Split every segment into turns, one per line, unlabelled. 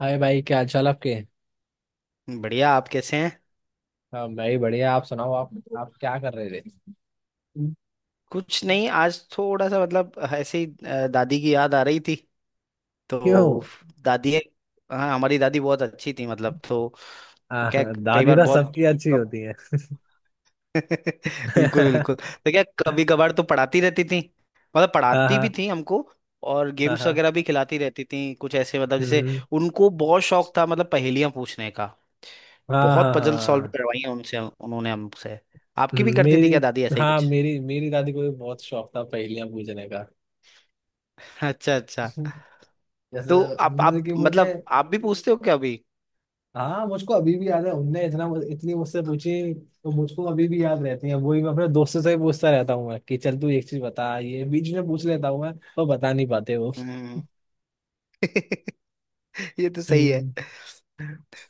हाय भाई, क्या हाल चाल आपके।
बढ़िया। आप कैसे हैं?
हाँ, मैं ही बढ़िया। आप सुनाओ, आप क्या कर रहे थे?
कुछ नहीं, आज थोड़ा सा मतलब ऐसे ही दादी की याद आ रही थी।
क्यों?
तो दादी, हाँ हमारी दादी बहुत अच्छी थी। मतलब तो वो
आ,
क्या, कई
दादी
बार
तो
बहुत
सबकी अच्छी होती है।
बिल्कुल
हाँ
बिल्कुल। तो क्या कभी कभार तो पढ़ाती रहती थी, मतलब पढ़ाती भी
हाँ
थी हमको। और
हाँ
गेम्स
हाँ
वगैरह भी खिलाती रहती थी कुछ ऐसे, मतलब
हम्म,
जैसे
हम्म।
उनको बहुत शौक था, मतलब पहेलियां पूछने का।
हाँ
बहुत
हाँ हाँ
पजल सॉल्व
हाँ।
करवाई हैं उनसे, उन्होंने हमसे। आपकी भी करती थी
मेरी,
क्या दादी ऐसा ही
हाँ
कुछ?
मेरी मेरी दादी को भी बहुत शौक था पहेलियां पूछने का।
अच्छा अच्छा।
जैसे,
तो आप
मतलब
आप
कि मुझे,
मतलब आप भी पूछते हो क्या अभी?
हाँ मुझको अभी भी याद है, उनने इतना, इतनी मुझसे पूछी, तो मुझको अभी भी याद रहती है वही। मैं अपने दोस्तों से भी पूछता रहता हूँ। मैं कि चल तू एक चीज बता, ये बीच में पूछ लेता हूँ मैं, तो बता नहीं पाते वो।
हम्म। ये तो सही है।
हम्म।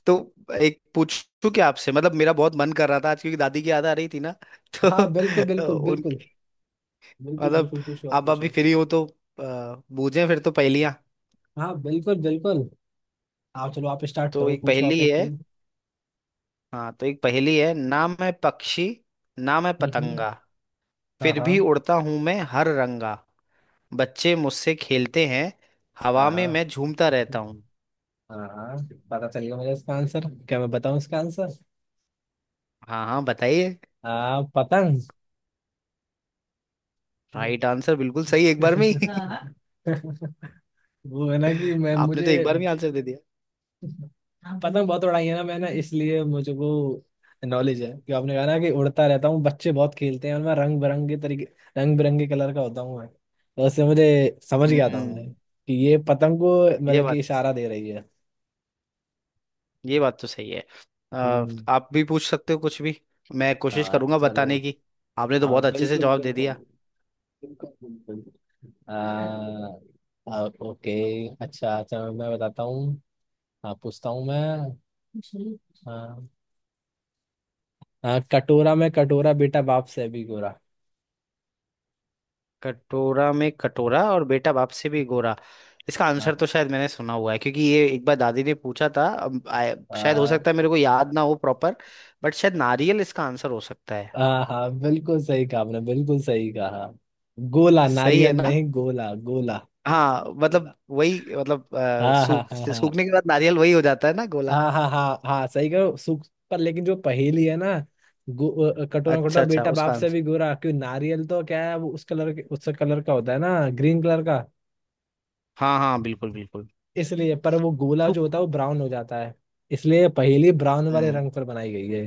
तो एक पूछूं क्या आपसे? मतलब मेरा बहुत मन कर रहा था आज, क्योंकि दादी की याद आ रही थी ना। तो
हाँ बिल्कुल बिल्कुल
उन,
बिल्कुल। बिल्कुल
मतलब
बिल्कुल पूछो, आप
आप अभी
पूछो।
फ्री हो तो बूझें फिर तो पहेलियां।
हाँ बिल्कुल बिल्कुल। आप चलो, आप स्टार्ट
तो
करो,
एक
पूछो
पहेली
आप एक
है।
कोई।
हाँ, तो एक पहेली है। ना मैं पक्षी, ना मैं
हम्म हम्म,
पतंगा,
हाँ
फिर
हाँ।
भी उड़ता हूं मैं हर रंगा। बच्चे मुझसे खेलते हैं, हवा
हाँ
में
हाँ
मैं झूमता रहता हूँ।
हाँ हाँ, पता चल गया मुझे इसका आंसर। क्या मैं बताऊं इसका आंसर?
हाँ हाँ, बताइए।
आ पतंग।
राइट आंसर, बिल्कुल सही, एक बार में ही।
हाँ। वो है ना कि मैं,
आपने
मुझे
तो एक बार में आंसर दे दिया।
पतंग बहुत उड़ाई है ना मैंने, इसलिए मुझे वो नॉलेज है। कि आपने कहा ना कि उड़ता रहता हूँ, बच्चे बहुत खेलते हैं, और मैं रंग बिरंगे तरीके, रंग बिरंगे कलर का होता हूँ, मैं तो उससे मुझे समझ गया था मैं
हम्म।
कि ये पतंग को
ये
मतलब कि
बात,
इशारा दे रही है।
ये बात तो सही है।
हम्म।
आप भी पूछ सकते हो कुछ भी, मैं कोशिश
हाँ
करूंगा
चलो।
बताने की। आपने तो
हाँ
बहुत अच्छे से
बिल्कुल
जवाब दे
बिल्कुल
दिया।
बिल्कुल बिल्कुल। आ, आ, ओके। अच्छा अच्छा, मैं बताता हूँ। हाँ, पूछता हूँ मैं। हाँ हाँ, कटोरा में कटोरा, बेटा बाप से भी गोरा।
कटोरा में कटोरा और बेटा बाप से भी गोरा। इसका आंसर तो शायद मैंने सुना हुआ है, क्योंकि ये एक बार दादी ने पूछा था। अब
हाँ
शायद हो
हाँ
सकता है मेरे को याद ना हो प्रॉपर, बट शायद नारियल इसका आंसर हो सकता है।
हाँ, बिल्कुल सही कहा आपने, बिल्कुल सही कहा। गोला,
सही है
नारियल
ना?
नहीं, गोला गोला।
हाँ मतलब वही, मतलब
हाँ हाँ हाँ हाँ,
सूखने के बाद नारियल वही हो जाता है ना, गोला।
हाँ हाँ हाँ हाँ, सही कहो, सुख पर लेकिन जो पहेली है ना, कटोरा
अच्छा
कटोरा
अच्छा,
बेटा
उसका
बाप से
आंसर।
भी गोरा, क्यों नारियल तो क्या है, वो उस कलर के, उस कलर का होता है ना, ग्रीन कलर का।
हाँ हाँ बिल्कुल बिल्कुल।
इसलिए, पर वो गोला जो
सूख।
होता है वो ब्राउन हो जाता है, इसलिए पहेली ब्राउन वाले रंग
हम्म।
पर बनाई गई है।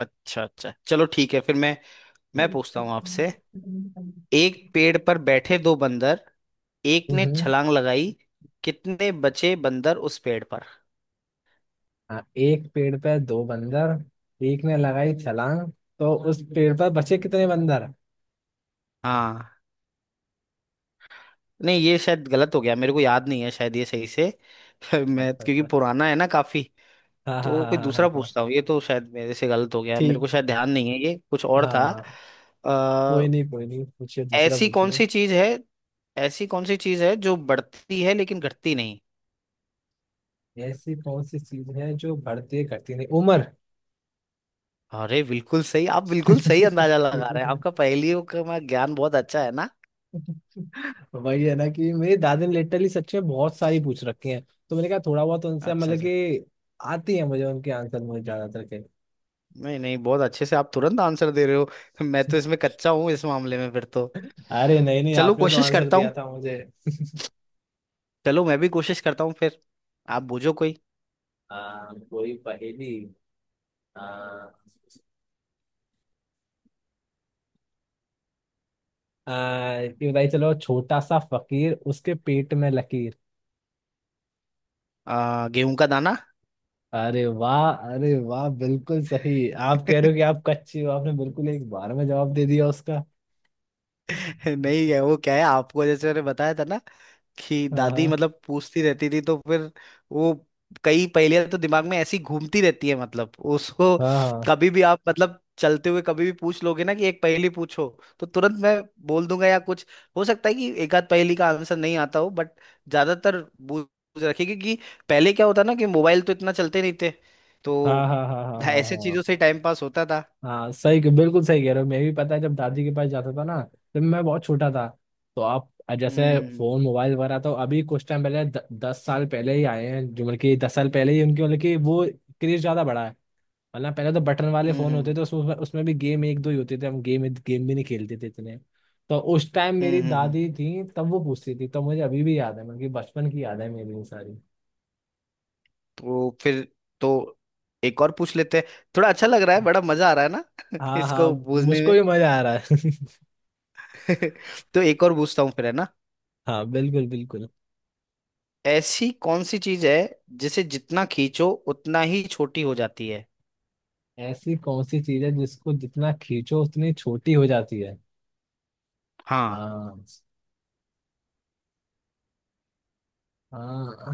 अच्छा अच्छा, चलो ठीक है। फिर मैं पूछता हूँ आपसे। एक पेड़ पर बैठे दो बंदर, एक ने
हम्म।
छलांग लगाई, कितने बचे बंदर उस पेड़ पर?
हाँ एक पेड़ पे दो बंदर, एक ने लगाई छलांग, तो उस पेड़ पर बचे कितने बंदर?
हाँ। नहीं ये शायद गलत हो गया, मेरे को याद नहीं है शायद ये सही से। मैं,
अच्छा
क्योंकि
अच्छा।
पुराना है ना काफी।
हाँ हाँ
तो
हाँ
कोई
हाँ
दूसरा
हाँ हाँ।
पूछता हूँ, ये तो शायद मेरे से गलत हो गया, मेरे
ठीक।
को शायद ध्यान नहीं है, ये कुछ और था।
हाँ हाँ।
आ,
कोई नहीं कोई नहीं, पूछिए, दूसरा
ऐसी कौन
पूछिए।
सी चीज है, ऐसी कौन सी चीज है जो बढ़ती है लेकिन घटती नहीं?
ऐसी कौन सी चीज है जो बढ़ती है घटती नहीं? उम्र।
अरे बिल्कुल सही, आप बिल्कुल सही अंदाजा लगा रहे हैं। आपका पहेलियों का ज्ञान बहुत अच्छा है ना।
वही है ना कि मेरे दादी ने लिटरली सच में बहुत सारी पूछ रखी हैं, तो मैंने कहा थोड़ा बहुत उनसे
अच्छा
मतलब
अच्छा।
कि आती है मुझे उनके आंसर, मुझे ज्यादातर के।
नहीं नहीं, बहुत अच्छे से आप तुरंत आंसर दे रहे हो। मैं तो इसमें कच्चा हूँ इस मामले में, फिर तो
अरे नहीं नहीं,
चलो
आपने तो
कोशिश
आंसर
करता हूँ।
दिया था मुझे।
चलो मैं भी कोशिश करता हूँ फिर। आप बूझो कोई।
हाँ कोई पहेली। हाँ आ, ये बताइए, चलो, छोटा सा फकीर उसके पेट में लकीर।
गेहूं का दाना।
अरे वाह, अरे वाह, बिल्कुल सही। आप कह रहे हो कि आप कच्चे हो, आपने बिल्कुल एक बार में जवाब दे दिया उसका।
नहीं, है वो क्या है, आपको जैसे मैंने बताया था ना कि दादी
हाँ
मतलब पूछती रहती थी, तो फिर वो कई पहेलियां तो दिमाग में ऐसी घूमती रहती है, मतलब उसको
हाँ
कभी भी आप, मतलब चलते हुए कभी भी पूछ लोगे ना कि एक पहेली पूछो, तो तुरंत मैं बोल दूंगा या कुछ। हो सकता है कि एक आध पहेली का आंसर नहीं आता हो, बट ज्यादातर बूझ रखी, क्योंकि पहले क्या होता ना कि मोबाइल तो इतना चलते नहीं थे, तो
हाँ हाँ हाँ हाँ हाँ हाँ
ऐसे
हाँ हाँ,
चीजों से टाइम पास होता था।
हाँ, सही, बिल्कुल सही कह रहे हो। मैं भी, पता है, जब दादी के पास जाता था ना, जब मैं बहुत छोटा था, तो आप जैसे फोन
हम्म
मोबाइल वगैरह तो अभी कुछ टाइम पहले, दस साल पहले ही आए हैं जो, मतलब कि 10 साल पहले ही उनके, मतलब कि वो क्रेज ज्यादा बढ़ा है। वरना पहले तो बटन वाले
हम्म
फोन होते
हम्म
थे, उसमें उसमें भी गेम एक दो ही होते थे, हम गेम गेम भी नहीं खेलते थे इतने। तो उस टाइम मेरी
हम्म।
दादी थी तब वो पूछती थी, तो मुझे अभी भी याद है, मतलब कि बचपन की याद है मेरी ये सारी।
तो फिर, तो एक और पूछ लेते हैं। थोड़ा अच्छा लग रहा है, बड़ा मजा आ रहा है ना।
हाँ हाँ,
इसको बूझने
मुझको
में।
भी मजा आ रहा है।
तो एक और पूछता हूँ फिर, है ना?
हाँ बिल्कुल बिल्कुल।
ऐसी कौन सी चीज है जिसे जितना खींचो उतना ही छोटी हो जाती है?
ऐसी कौन सी चीज है जिसको जितना खींचो उतनी छोटी हो जाती है?
हाँ।
हाँ हाँ,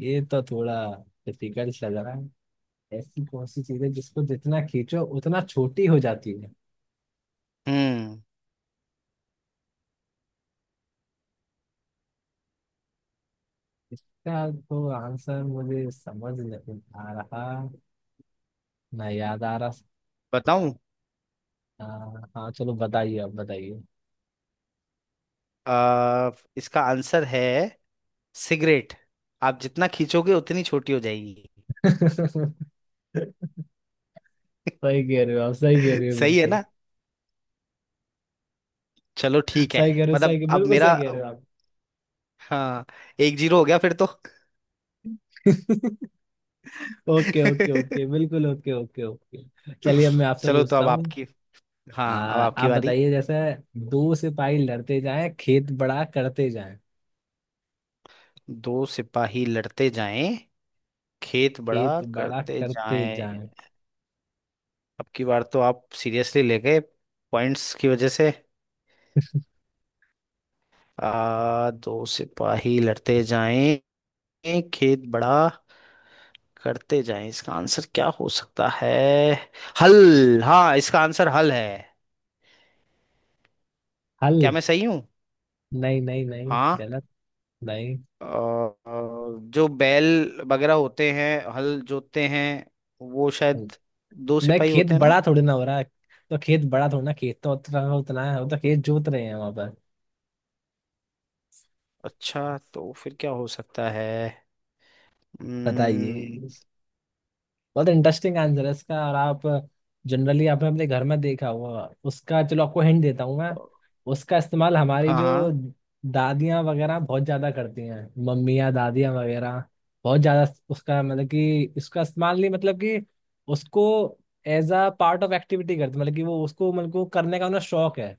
ये तो थोड़ा डिफिकल्ट लग रहा है। ऐसी कौन सी चीज है जिसको जितना खींचो उतना छोटी हो जाती है?
हम्म।
इसका तो आंसर मुझे समझ नहीं आ रहा, ना याद आ रहा।
बताऊं?
हाँ हाँ, चलो बताइए, आप बताइए।
आ, इसका आंसर है सिगरेट। आप जितना खींचोगे उतनी छोटी हो जाएगी।
सही कह रहे हो आप, सही कह रहे हो
सही है
बिल्कुल।
ना? चलो ठीक है।
सही कह रहे हो,
मतलब
सही,
अब
बिल्कुल
मेरा,
सही कह रहे हो आप।
हाँ, एक जीरो हो गया फिर तो।
ओके ओके ओके, बिल्कुल, ओके ओके ओके। चलिए, अब मैं आपसे
चलो तो
पूछता
अब
हूँ।
आपकी, हाँ अब आपकी
आप
बारी।
बताइए, जैसे, दो सिपाही लड़ते जाएं, खेत बड़ा करते जाएं।
दो सिपाही लड़ते जाएं, खेत बड़ा
खेत बड़ा
करते
करते
जाएं।
जाएं।
अब की बार तो आप सीरियसली ले गए, पॉइंट्स की वजह से। दो सिपाही लड़ते जाएं, खेत बड़ा करते जाएं, इसका आंसर क्या हो सकता है? हल, हाँ इसका आंसर हल है।
हल।
क्या मैं सही हूँ?
नहीं नहीं नहीं,
हाँ,
गलत। नहीं
अ, अ, जो बैल वगैरह होते हैं, हल जोतते हैं, वो शायद दो
नहीं,
सिपाही
खेत
होते हैं ना।
बड़ा थोड़ी ना हो रहा है, तो खेत बड़ा थोड़ी ना, खेत तो उतना उतना है, वो तो खेत जोत रहे हैं वहां पर।
अच्छा, तो फिर क्या हो सकता है? हम्म।
बताइए। बहुत इंटरेस्टिंग आंसर है इसका, और आप जनरली आपने अपने घर में देखा हुआ उसका। चलो, आपको हिंट देता हूँ मैं। उसका इस्तेमाल हमारी
हाँ
जो
हाँ।
दादियाँ वगैरह बहुत ज्यादा करती हैं, मम्मियाँ दादियाँ वगैरह बहुत ज्यादा। उसका, मतलब कि इसका इस्तेमाल, नहीं मतलब कि उसको as a part of activity करती, मतलब कि वो उसको, मतलब कि वो करने का उन्हें शौक है।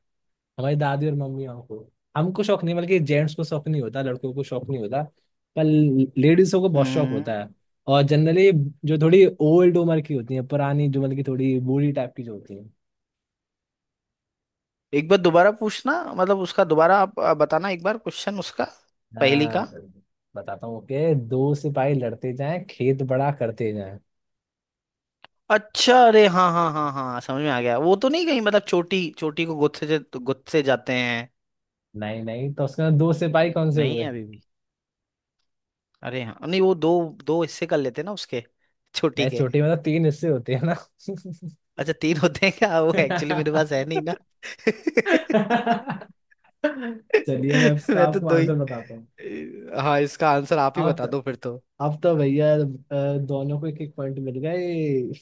हमारी दादी और मम्मी, हमको, हमको शौक नहीं, बल्कि जेंट्स को शौक नहीं होता, लड़कों को शौक नहीं होता, पर लेडीजों को बहुत शौक होता
हम्म।
है। और जनरली जो थोड़ी ओल्ड उम्र की होती है, पुरानी जो, मतलब की थोड़ी बूढ़ी टाइप की जो होती है।
एक बार दोबारा पूछना, मतलब उसका दोबारा आप बताना, एक बार क्वेश्चन उसका, पहली का।
हाँ, बताता हूँ कि दो सिपाही लड़ते जाएं, खेत बड़ा करते जाएं।
अच्छा, अरे हाँ हाँ हाँ हाँ, समझ में आ गया। वो तो नहीं कहीं मतलब चोटी, चोटी को गुत्से से गुत्से जाते हैं?
नहीं नहीं, तो उसके अंदर दो सिपाही कौन से
नहीं है
हुए?
अभी भी। अरे हाँ, नहीं वो दो दो हिस्से कर लेते हैं ना उसके, चोटी
नहीं,
के।
छोटी में तो तीन हिस्से होते हैं ना।
अच्छा, तीन होते हैं क्या? वो एक्चुअली मेरे पास है नहीं ना।
चलिए मैं इसका
मैं तो
आपको
दो ही।
आंसर बताता हूँ।
हाँ, इसका आंसर आप ही
अब
बता दो फिर तो।
अब तो भैया दोनों को एक एक पॉइंट मिल गए।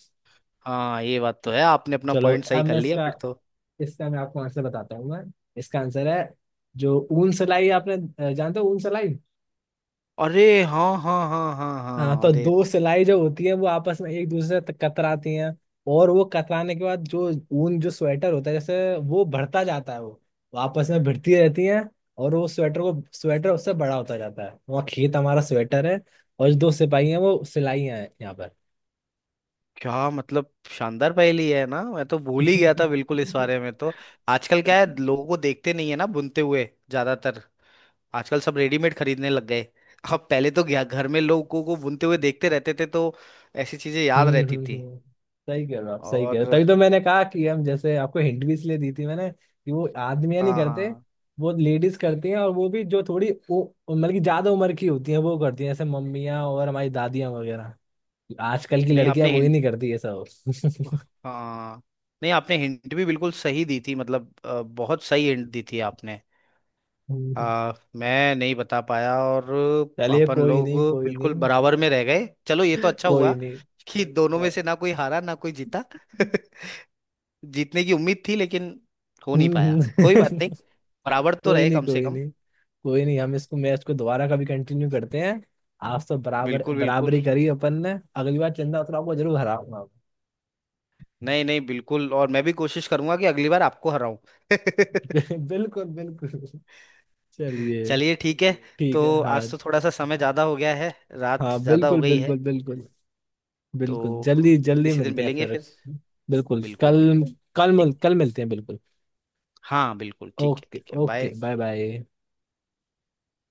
हाँ ये बात तो है, आपने अपना
चलो,
पॉइंट सही
अब
कर
मैं
लिया
इसका
फिर तो।
इसका मैं आपको आंसर बताता हूँ मैं। इसका आंसर है जो ऊन सलाई, आपने जानते हो ऊन सलाई।
अरे हाँ हाँ हाँ हाँ
हाँ,
हाँ,
तो
अरे
दो सिलाई जो होती है, वो आपस में एक दूसरे से कतराती हैं, और वो कतराने के बाद जो ऊन, जो स्वेटर होता है जैसे, वो बढ़ता जाता है, वो आपस में भिड़ती रहती हैं, और वो स्वेटर को, स्वेटर उससे बड़ा होता जाता है। वहाँ खेत हमारा स्वेटर है, और जो दो सिपाही हैं वो सिलाई हैं यहाँ
क्या मतलब, शानदार पहेली है ना। मैं तो भूल ही गया था बिल्कुल इस
पर।
बारे में तो। आजकल क्या है, लोगों को देखते नहीं है ना बुनते हुए, ज्यादातर। आजकल सब रेडीमेड खरीदने लग गए। अब पहले तो क्या घर में लोगों को बुनते हुए देखते रहते थे, तो ऐसी चीजें याद
हम्म
रहती
हम्म
थी।
हम्म। सही कह रहे हो आप, सही कह रहे हो।
और
तभी तो मैंने कहा कि हम जैसे आपको हिंट भी इसलिए दी थी मैंने कि वो आदमियां नहीं
हाँ
करते,
हाँ।
वो लेडीज करती हैं। और वो भी जो थोड़ी वो, मतलब कि ज्यादा उम्र की होती हैं वो करती हैं, जैसे मम्मियाँ और हमारी दादियाँ वगैरह। आजकल की
नहीं
लड़कियां
आपने
वो ही नहीं करती ये सब।
हाँ नहीं आपने हिंट भी बिल्कुल सही दी थी, मतलब बहुत सही हिंट दी थी आपने।
हम्म।
मैं नहीं बता पाया। और
चलिए
अपन
कोई
लोग
नहीं, कोई
बिल्कुल
नहीं,
बराबर में रह गए, चलो ये तो अच्छा
कोई
हुआ
नहीं।
कि दोनों में
और-
से ना कोई हारा ना कोई जीता। जीतने की उम्मीद थी लेकिन हो नहीं
हम्म
पाया, कोई बात
हम्म।
नहीं। बराबर तो
कोई
रहे
नहीं
कम से
कोई
कम।
नहीं, कोई नहीं। हम इसको, मैच को दोबारा कभी कंटिन्यू करते हैं। आज तो बराबर
बिल्कुल बिल्कुल।
बराबरी करी अपन ने, अगली बार चंदा उतराव को जरूर हराऊंगा।
नहीं नहीं बिल्कुल। और मैं भी कोशिश करूंगा कि अगली बार आपको हराऊं।
मैं। बिल्कुल बिल्कुल। चलिए
चलिए ठीक है।
ठीक है।
तो
हाँ
आज तो थोड़ा सा समय ज्यादा हो गया है, रात
हाँ
ज्यादा हो
बिल्कुल
गई है।
बिल्कुल बिल्कुल।
तो
बिल्कुल जल्दी जल्दी
किसी दिन
मिलते हैं
मिलेंगे
फिर।
फिर।
बिल्कुल
बिल्कुल
कल,
बिल्कुल। ठीक
कल मिलते हैं बिल्कुल।
हाँ, बिल्कुल ठीक है
ओके
ठीक है,
ओके,
बाय।
Bye bye.